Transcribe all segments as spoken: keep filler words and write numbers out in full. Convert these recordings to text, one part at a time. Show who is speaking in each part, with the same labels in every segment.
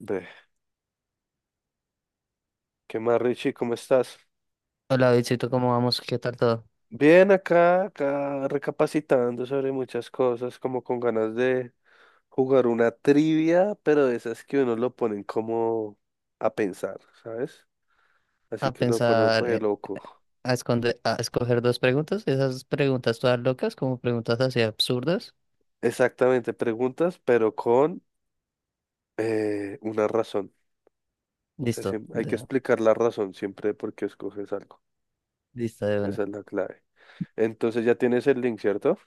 Speaker 1: Ve, ¿qué más, Richie? ¿Cómo estás?
Speaker 2: Hola, Bitsito, ¿cómo vamos? ¿Qué tal todo?
Speaker 1: Bien, acá, acá recapacitando sobre muchas cosas, como con ganas de jugar una trivia, pero de esas que uno lo ponen como a pensar, ¿sabes? Así
Speaker 2: A
Speaker 1: que lo ponen
Speaker 2: pensar,
Speaker 1: re
Speaker 2: eh,
Speaker 1: loco.
Speaker 2: a esconder, a escoger dos preguntas, esas preguntas todas locas, como preguntas así absurdas.
Speaker 1: Exactamente, preguntas, pero con eh, una razón. O sea,
Speaker 2: Listo,
Speaker 1: siem- hay que
Speaker 2: de,
Speaker 1: explicar la razón siempre de por qué escoges algo.
Speaker 2: lista de
Speaker 1: Esa
Speaker 2: una.
Speaker 1: es la clave. Entonces ya tienes el link, ¿cierto?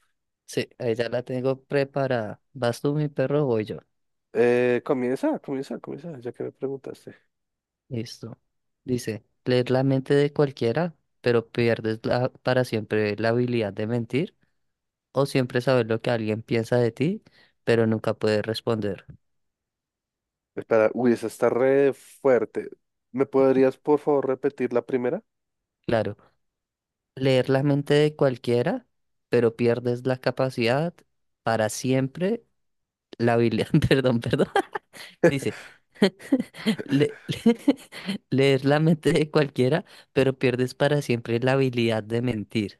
Speaker 2: Sí, ahí ya la tengo preparada. ¿Vas tú, mi perro, o voy yo?
Speaker 1: Eh, comienza, comienza, comienza, ya que me preguntaste.
Speaker 2: Listo. Dice, leer la mente de cualquiera, pero pierdes la- para siempre la habilidad de mentir, o siempre saber lo que alguien piensa de ti, pero nunca puedes responder.
Speaker 1: Espera, uy, esa está re fuerte. ¿Me podrías, por favor, repetir la primera?
Speaker 2: Claro. Leer la mente de cualquiera, pero pierdes la capacidad para siempre, la habilidad, perdón, perdón, dice, le- leer la mente de cualquiera, pero pierdes para siempre la habilidad de mentir.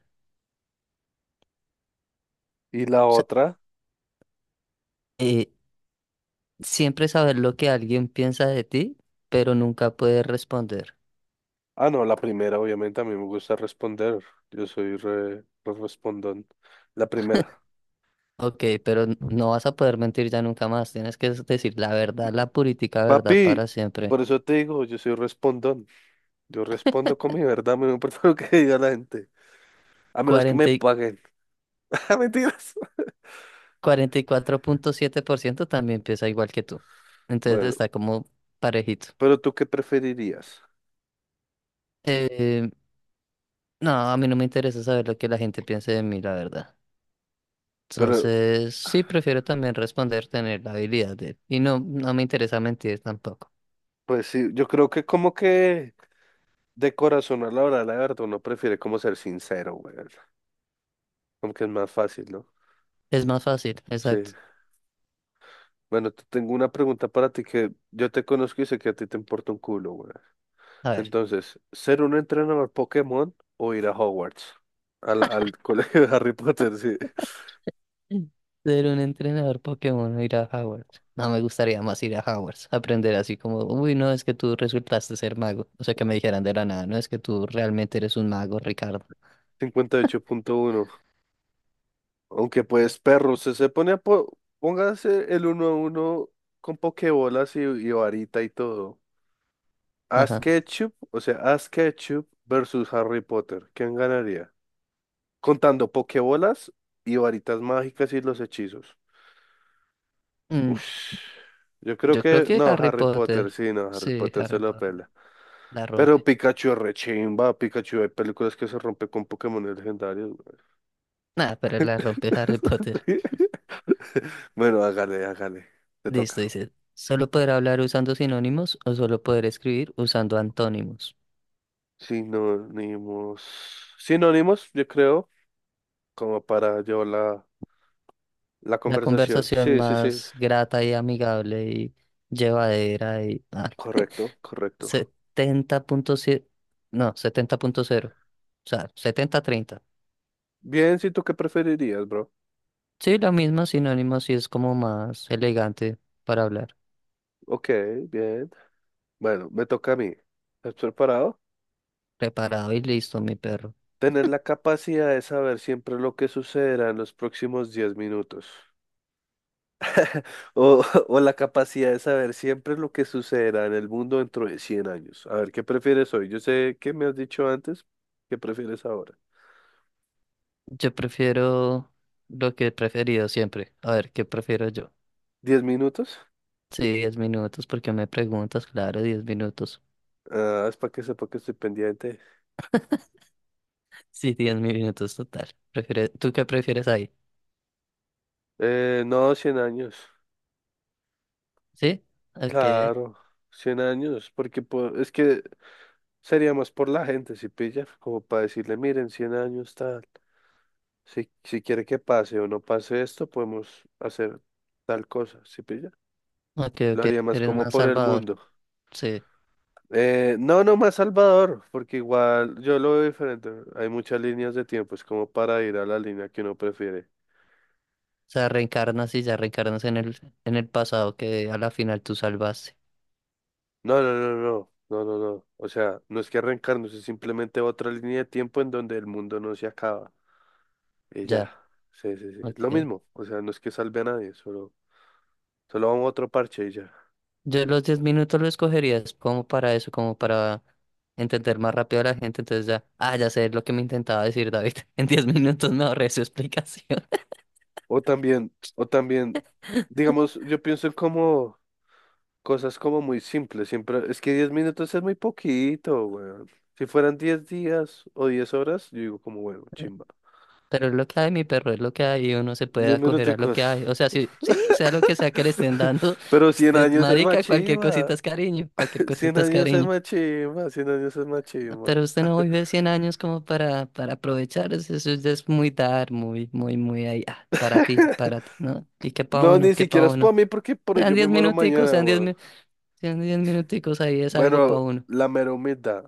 Speaker 1: ¿Y la
Speaker 2: O sea,
Speaker 1: otra?
Speaker 2: eh, siempre saber lo que alguien piensa de ti, pero nunca puedes responder.
Speaker 1: Ah, no, la primera, obviamente, a mí me gusta responder. Yo soy re, re respondón. La primera.
Speaker 2: Ok, pero n- no vas a poder mentir ya nunca más, tienes que decir la verdad, la purítica verdad
Speaker 1: Papi,
Speaker 2: para siempre.
Speaker 1: por eso te digo, yo soy respondón. Yo respondo con mi verdad, a no me importa lo que diga la gente. A menos que me
Speaker 2: Cuarenta
Speaker 1: paguen. Mentiras.
Speaker 2: cuarenta y cuatro punto siete por ciento también piensa igual que tú. Entonces
Speaker 1: Bueno,
Speaker 2: está como parejito.
Speaker 1: pero ¿tú qué preferirías?
Speaker 2: Eh, no, a mí no me interesa saber lo que la gente piense de mí, la verdad.
Speaker 1: Pero,
Speaker 2: Entonces, sí, prefiero también responder, tener la habilidad de... Y no, no me interesa mentir tampoco.
Speaker 1: pues sí, yo creo que como que de corazón a la hora de la verdad uno prefiere como ser sincero, güey. Como que es más fácil, ¿no?
Speaker 2: Es más fácil,
Speaker 1: Sí.
Speaker 2: exacto.
Speaker 1: Bueno, te tengo una pregunta para ti que yo te conozco y sé que a ti te importa un culo, güey.
Speaker 2: A ver,
Speaker 1: Entonces, ¿ser un entrenador Pokémon o ir a Hogwarts? Al, al colegio de Harry Potter, sí.
Speaker 2: mm, ser un entrenador Pokémon o ir a Hogwarts. No me gustaría más ir a Hogwarts, aprender así como, uy, no, es que tú resultaste ser mago. O sea, que me dijeran de la nada, no es que tú realmente eres un mago, Ricardo.
Speaker 1: Cincuenta y ocho punto uno. Aunque pues, perro, se, se pone a... po- Póngase el uno a uno con pokebolas y, y varita y todo. Ash
Speaker 2: Ajá.
Speaker 1: Ketchum, o sea, Ash Ketchum versus Harry Potter. ¿Quién ganaría? Contando pokebolas y varitas mágicas y los hechizos.
Speaker 2: Mm,
Speaker 1: Uf, yo creo
Speaker 2: yo creo
Speaker 1: que
Speaker 2: que
Speaker 1: no,
Speaker 2: Harry
Speaker 1: Harry Potter,
Speaker 2: Potter.
Speaker 1: sí, no, Harry
Speaker 2: Sí,
Speaker 1: Potter se
Speaker 2: Harry
Speaker 1: lo
Speaker 2: Potter.
Speaker 1: pela.
Speaker 2: La
Speaker 1: Pero
Speaker 2: rompe.
Speaker 1: Pikachu es rechimba, Pikachu, hay películas que se rompe con Pokémon legendarios. Güey.
Speaker 2: Nada, pero la rompe Harry Potter.
Speaker 1: Bueno, hágale, hágale, te
Speaker 2: Listo,
Speaker 1: toca.
Speaker 2: dice. Solo poder hablar usando sinónimos o solo poder escribir usando antónimos.
Speaker 1: Sinónimos, sinónimos, yo creo, como para llevar la, la
Speaker 2: La
Speaker 1: conversación.
Speaker 2: conversación
Speaker 1: Sí, sí, sí,
Speaker 2: más grata y amigable y llevadera y... ah,
Speaker 1: correcto, correcto.
Speaker 2: setenta punto siete. No, setenta punto cero. O sea, setenta treinta.
Speaker 1: Bien, si tú qué preferirías, bro.
Speaker 2: Sí, lo mismo, sinónimos sí es como más elegante para hablar.
Speaker 1: Ok, bien. Bueno, me toca a mí. ¿Estás preparado?
Speaker 2: Preparado y listo, mi perro.
Speaker 1: Tener la capacidad de saber siempre lo que sucederá en los próximos diez minutos. O, o la capacidad de saber siempre lo que sucederá en el mundo dentro de cien años. A ver, ¿qué prefieres hoy? Yo sé que me has dicho antes. ¿Qué prefieres ahora?
Speaker 2: Yo prefiero lo que he preferido siempre. A ver, ¿qué prefiero yo?
Speaker 1: ¿Diez minutos?
Speaker 2: Sí, diez minutos, porque me preguntas, claro, diez minutos.
Speaker 1: Ah, es para que sepa que estoy pendiente.
Speaker 2: Sí, diez minutos total. Prefiere- ¿Tú qué prefieres ahí?
Speaker 1: Eh, no, cien años.
Speaker 2: ¿Sí? Ok,
Speaker 1: Claro, cien años. Porque po- es que sería más por la gente, si pilla, como para decirle, miren, cien años tal. Si, si quiere que pase o no pase esto, podemos hacer tal cosa, ¿sí pilla?
Speaker 2: ok,
Speaker 1: Lo
Speaker 2: ok.
Speaker 1: haría más
Speaker 2: Eres
Speaker 1: como
Speaker 2: más
Speaker 1: por el
Speaker 2: salvador.
Speaker 1: mundo.
Speaker 2: Sí.
Speaker 1: Eh, no, no más Salvador, porque igual yo lo veo diferente. Hay muchas líneas de tiempo, es como para ir a la línea que uno prefiere.
Speaker 2: O sea, reencarnas y ya reencarnas en el, en el pasado que a la final tú salvaste.
Speaker 1: No, no, no, no, no, no, no. O sea, no es que arrancarnos, es simplemente otra línea de tiempo en donde el mundo no se acaba. Y ya,
Speaker 2: Ya,
Speaker 1: sí, sí, sí. Lo
Speaker 2: ok.
Speaker 1: mismo, o sea, no es que salve a nadie, solo, solo vamos a otro parche y ya.
Speaker 2: Yo los diez minutos lo escogerías como para eso, como para entender más rápido a la gente. Entonces ya, ah, ya sé lo que me intentaba decir David. En diez minutos me ahorré su explicación.
Speaker 1: O también, o también, digamos, yo pienso en como cosas como muy simples, siempre, es que diez minutos es muy poquito, weón. Si fueran diez días o diez horas, yo digo como, bueno, chimba.
Speaker 2: Pero es lo que hay, mi perro, es lo que hay y uno se puede
Speaker 1: Diez
Speaker 2: acoger a lo
Speaker 1: minuticos.
Speaker 2: que hay. O sea, sí, sí, sea lo que sea que le estén dando,
Speaker 1: Pero cien
Speaker 2: usted,
Speaker 1: años es más
Speaker 2: marica, cualquier cosita
Speaker 1: chimba.
Speaker 2: es cariño, cualquier
Speaker 1: cien
Speaker 2: cosita es
Speaker 1: años es
Speaker 2: cariño.
Speaker 1: más chimba, cien años es más
Speaker 2: No,
Speaker 1: chimba.
Speaker 2: pero usted no vive cien años como para, para aprovechar, eso, eso ya es muy dar, muy, muy, muy ahí, ah, para ti, para ti, ¿no? Y qué pa'
Speaker 1: No,
Speaker 2: uno,
Speaker 1: ni
Speaker 2: qué pa'
Speaker 1: siquiera es
Speaker 2: uno.
Speaker 1: por mí, porque por
Speaker 2: Sean
Speaker 1: ello me
Speaker 2: diez
Speaker 1: muero
Speaker 2: minuticos,
Speaker 1: mañana,
Speaker 2: sean diez
Speaker 1: weón.
Speaker 2: minutos. Tienen diez minuticos ahí, es algo
Speaker 1: Bueno,
Speaker 2: para uno.
Speaker 1: la mera humildad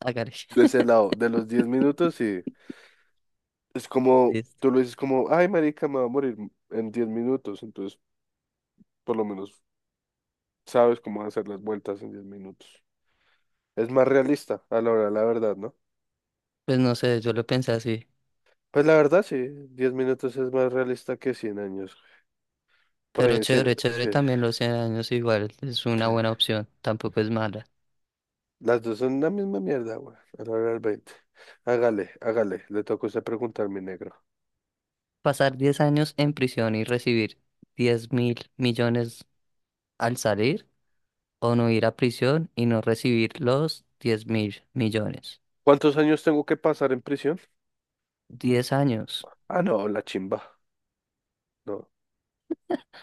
Speaker 2: Hágale.
Speaker 1: de ese lado, de los diez minutos, sí. Es como,
Speaker 2: Listo.
Speaker 1: tú lo dices como, ay, marica, me va a morir en diez minutos, entonces por lo menos sabes cómo hacer las vueltas en diez minutos. Es más realista a la hora de la verdad, ¿no?
Speaker 2: Pues no sé, yo lo pensé así.
Speaker 1: Pues la verdad sí, diez minutos es más realista que cien años. Por ahí
Speaker 2: Pero
Speaker 1: en cien
Speaker 2: chévere,
Speaker 1: sí,
Speaker 2: chévere también los cien años igual. Es una
Speaker 1: sí.
Speaker 2: buena opción, tampoco es mala.
Speaker 1: Las dos son la misma mierda, güey, a la hora del veinte. Hágale, hágale, le toca a usted preguntar, mi negro.
Speaker 2: Pasar diez años en prisión y recibir diez mil millones al salir o no ir a prisión y no recibir los diez mil millones.
Speaker 1: ¿Cuántos años tengo que pasar en prisión?
Speaker 2: Diez años,
Speaker 1: Ah, no, la chimba, no,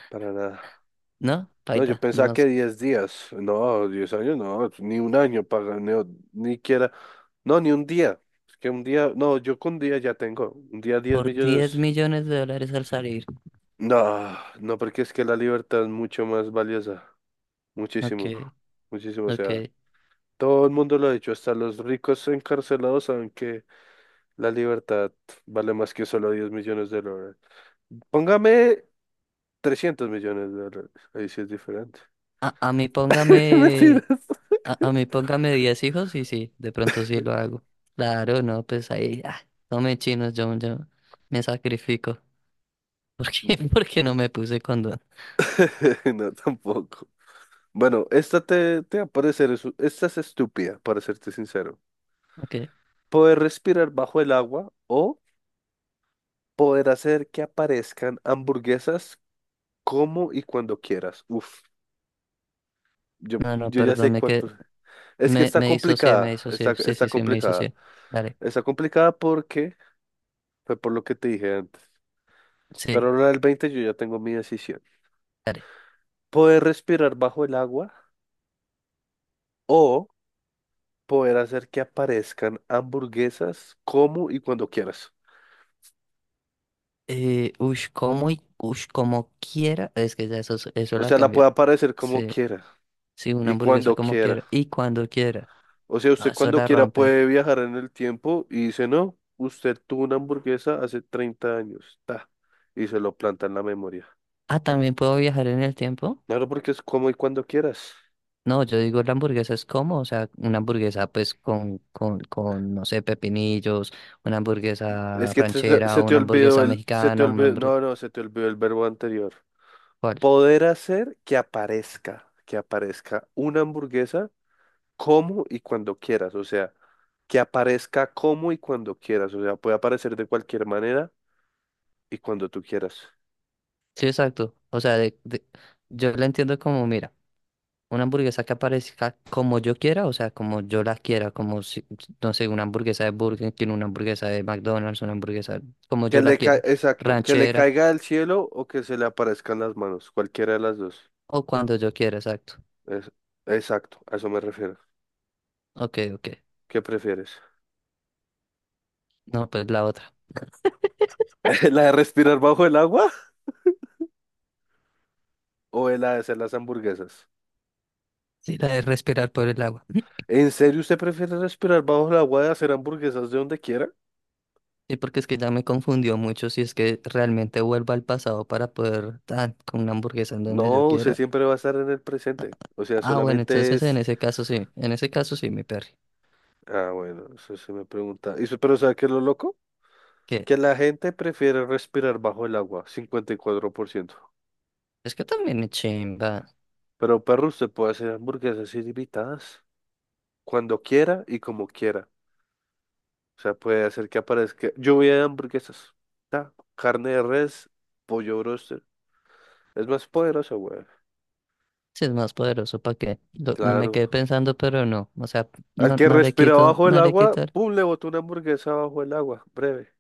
Speaker 1: para nada.
Speaker 2: ¿no?
Speaker 1: No, yo
Speaker 2: Paila,
Speaker 1: pensaba
Speaker 2: no
Speaker 1: que
Speaker 2: es-
Speaker 1: diez días. No, diez años, no, ni un año para ni, ni quiera. No, ni un día. Es que un día, no, yo con un día ya tengo. Un día diez
Speaker 2: por diez
Speaker 1: millones.
Speaker 2: millones de dólares al salir.
Speaker 1: No, no, porque es que la libertad es mucho más valiosa.
Speaker 2: Ok,
Speaker 1: Muchísimo, muchísimo. O sea,
Speaker 2: ok.
Speaker 1: todo el mundo lo ha dicho, hasta los ricos encarcelados saben que la libertad vale más que solo diez millones de dólares. Póngame trescientos millones de dólares. Ahí sí es diferente.
Speaker 2: A, a mí póngame.
Speaker 1: Mentiras.
Speaker 2: A, a mí póngame diez hijos y sí, de pronto sí lo hago. Claro, no, pues ahí, ah, no me chinos, yo, yo me sacrifico. ¿Por qué? Porque no me puse condón.
Speaker 1: No, tampoco. Bueno, esta te, te va a parecer, es- esta es estúpida, para serte sincero.
Speaker 2: Ok.
Speaker 1: Poder respirar bajo el agua o poder hacer que aparezcan hamburguesas como y cuando quieras. Uf, yo,
Speaker 2: No, no,
Speaker 1: yo ya
Speaker 2: perdón,
Speaker 1: sé
Speaker 2: me
Speaker 1: cuál,
Speaker 2: que
Speaker 1: pues. Es que
Speaker 2: me,
Speaker 1: está
Speaker 2: me disocié, me
Speaker 1: complicada, está,
Speaker 2: disocié. Sí,
Speaker 1: está
Speaker 2: sí, sí, me
Speaker 1: complicada.
Speaker 2: disocié. Dale,
Speaker 1: Está complicada porque fue por lo que te dije antes.
Speaker 2: sí,
Speaker 1: Pero la del veinte yo ya tengo mi decisión.
Speaker 2: dale.
Speaker 1: Poder respirar bajo el agua o poder hacer que aparezcan hamburguesas como y cuando quieras.
Speaker 2: Eh, ush, como y ush, como quiera. Es que ya eso, es- eso
Speaker 1: O
Speaker 2: la
Speaker 1: sea, la puede
Speaker 2: cambia.
Speaker 1: aparecer como
Speaker 2: Sí,
Speaker 1: quiera
Speaker 2: sí, una
Speaker 1: y
Speaker 2: hamburguesa
Speaker 1: cuando
Speaker 2: como
Speaker 1: quiera.
Speaker 2: quiera. Y cuando quiera.
Speaker 1: O sea,
Speaker 2: No,
Speaker 1: usted
Speaker 2: eso
Speaker 1: cuando
Speaker 2: la
Speaker 1: quiera
Speaker 2: rompe.
Speaker 1: puede viajar en el tiempo y dice, no, usted tuvo una hamburguesa hace treinta años, ta, y se lo planta en la memoria.
Speaker 2: Ah, también puedo viajar en el tiempo.
Speaker 1: Claro, porque es como y cuando quieras.
Speaker 2: No, yo digo la hamburguesa es como, o sea, una hamburguesa pues con, con, con, no sé, pepinillos, una
Speaker 1: Es
Speaker 2: hamburguesa
Speaker 1: que te-
Speaker 2: ranchera,
Speaker 1: se te
Speaker 2: una
Speaker 1: olvidó
Speaker 2: hamburguesa
Speaker 1: el, se te
Speaker 2: mexicana, una
Speaker 1: olvidó,
Speaker 2: hamburguesa...
Speaker 1: no, no, se te olvidó el verbo anterior.
Speaker 2: ¿Cuál?
Speaker 1: Poder hacer que aparezca, que aparezca una hamburguesa como y cuando quieras. O sea, que aparezca como y cuando quieras. O sea, puede aparecer de cualquier manera y cuando tú quieras.
Speaker 2: Sí, exacto. O sea, de- de- yo la entiendo como, mira, una hamburguesa que aparezca como yo quiera, o sea, como yo la quiera, como, si, no sé, una hamburguesa de Burger King, una hamburguesa de McDonald's, una hamburguesa como
Speaker 1: Que
Speaker 2: yo la
Speaker 1: le ca-
Speaker 2: quiera,
Speaker 1: exacto, que le
Speaker 2: ranchera
Speaker 1: caiga del cielo o que se le aparezcan las manos, cualquiera de las dos.
Speaker 2: o cuando yo quiera, exacto.
Speaker 1: Es- Exacto, a eso me refiero.
Speaker 2: Ok, ok.
Speaker 1: ¿Qué prefieres?
Speaker 2: No, pues la otra.
Speaker 1: ¿La de respirar bajo el agua o la de hacer las hamburguesas?
Speaker 2: Sí, la de respirar por el agua.
Speaker 1: ¿En serio usted prefiere respirar bajo el agua y hacer hamburguesas de donde quiera?
Speaker 2: Sí, porque es que ya me confundió mucho si es que realmente vuelvo al pasado para poder dar con una hamburguesa en donde yo
Speaker 1: No, usted
Speaker 2: quiera.
Speaker 1: siempre va a estar en el presente. O sea,
Speaker 2: Ah, bueno,
Speaker 1: solamente
Speaker 2: entonces en
Speaker 1: es...
Speaker 2: ese caso sí, en ese caso sí, mi perro.
Speaker 1: Ah, bueno, eso se me pregunta. ¿Y su- pero sabe qué es lo loco?
Speaker 2: Que
Speaker 1: Que la gente prefiere respirar bajo el agua, cincuenta y cuatro por ciento.
Speaker 2: es que también es chimba,
Speaker 1: Pero perro, usted puede hacer hamburguesas ilimitadas cuando quiera y como quiera. O sea, puede hacer que aparezca lluvia de hamburguesas, ta, carne de res, pollo broster. Es más poderosa, güey.
Speaker 2: si es más poderoso, ¿para qué? Lo- me quedé
Speaker 1: Claro.
Speaker 2: pensando, pero no, o sea,
Speaker 1: Al
Speaker 2: no,
Speaker 1: que
Speaker 2: no le
Speaker 1: respira
Speaker 2: quito,
Speaker 1: bajo el
Speaker 2: no le
Speaker 1: agua,
Speaker 2: quitar.
Speaker 1: pum, le botó una hamburguesa bajo el agua. Breve.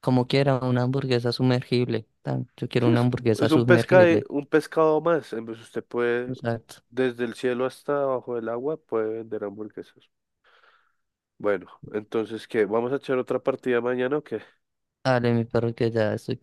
Speaker 2: Como quiera, una hamburguesa sumergible. Tan, yo quiero
Speaker 1: Sí,
Speaker 2: una
Speaker 1: es,
Speaker 2: hamburguesa
Speaker 1: es un pesca,
Speaker 2: sumergible.
Speaker 1: un pescado más. En vez usted puede,
Speaker 2: Exacto.
Speaker 1: desde el cielo hasta abajo del agua, puede vender hamburguesas. Bueno, entonces, ¿qué? ¿Vamos a echar otra partida mañana o qué?
Speaker 2: Dale, mi perro, que ya estoy.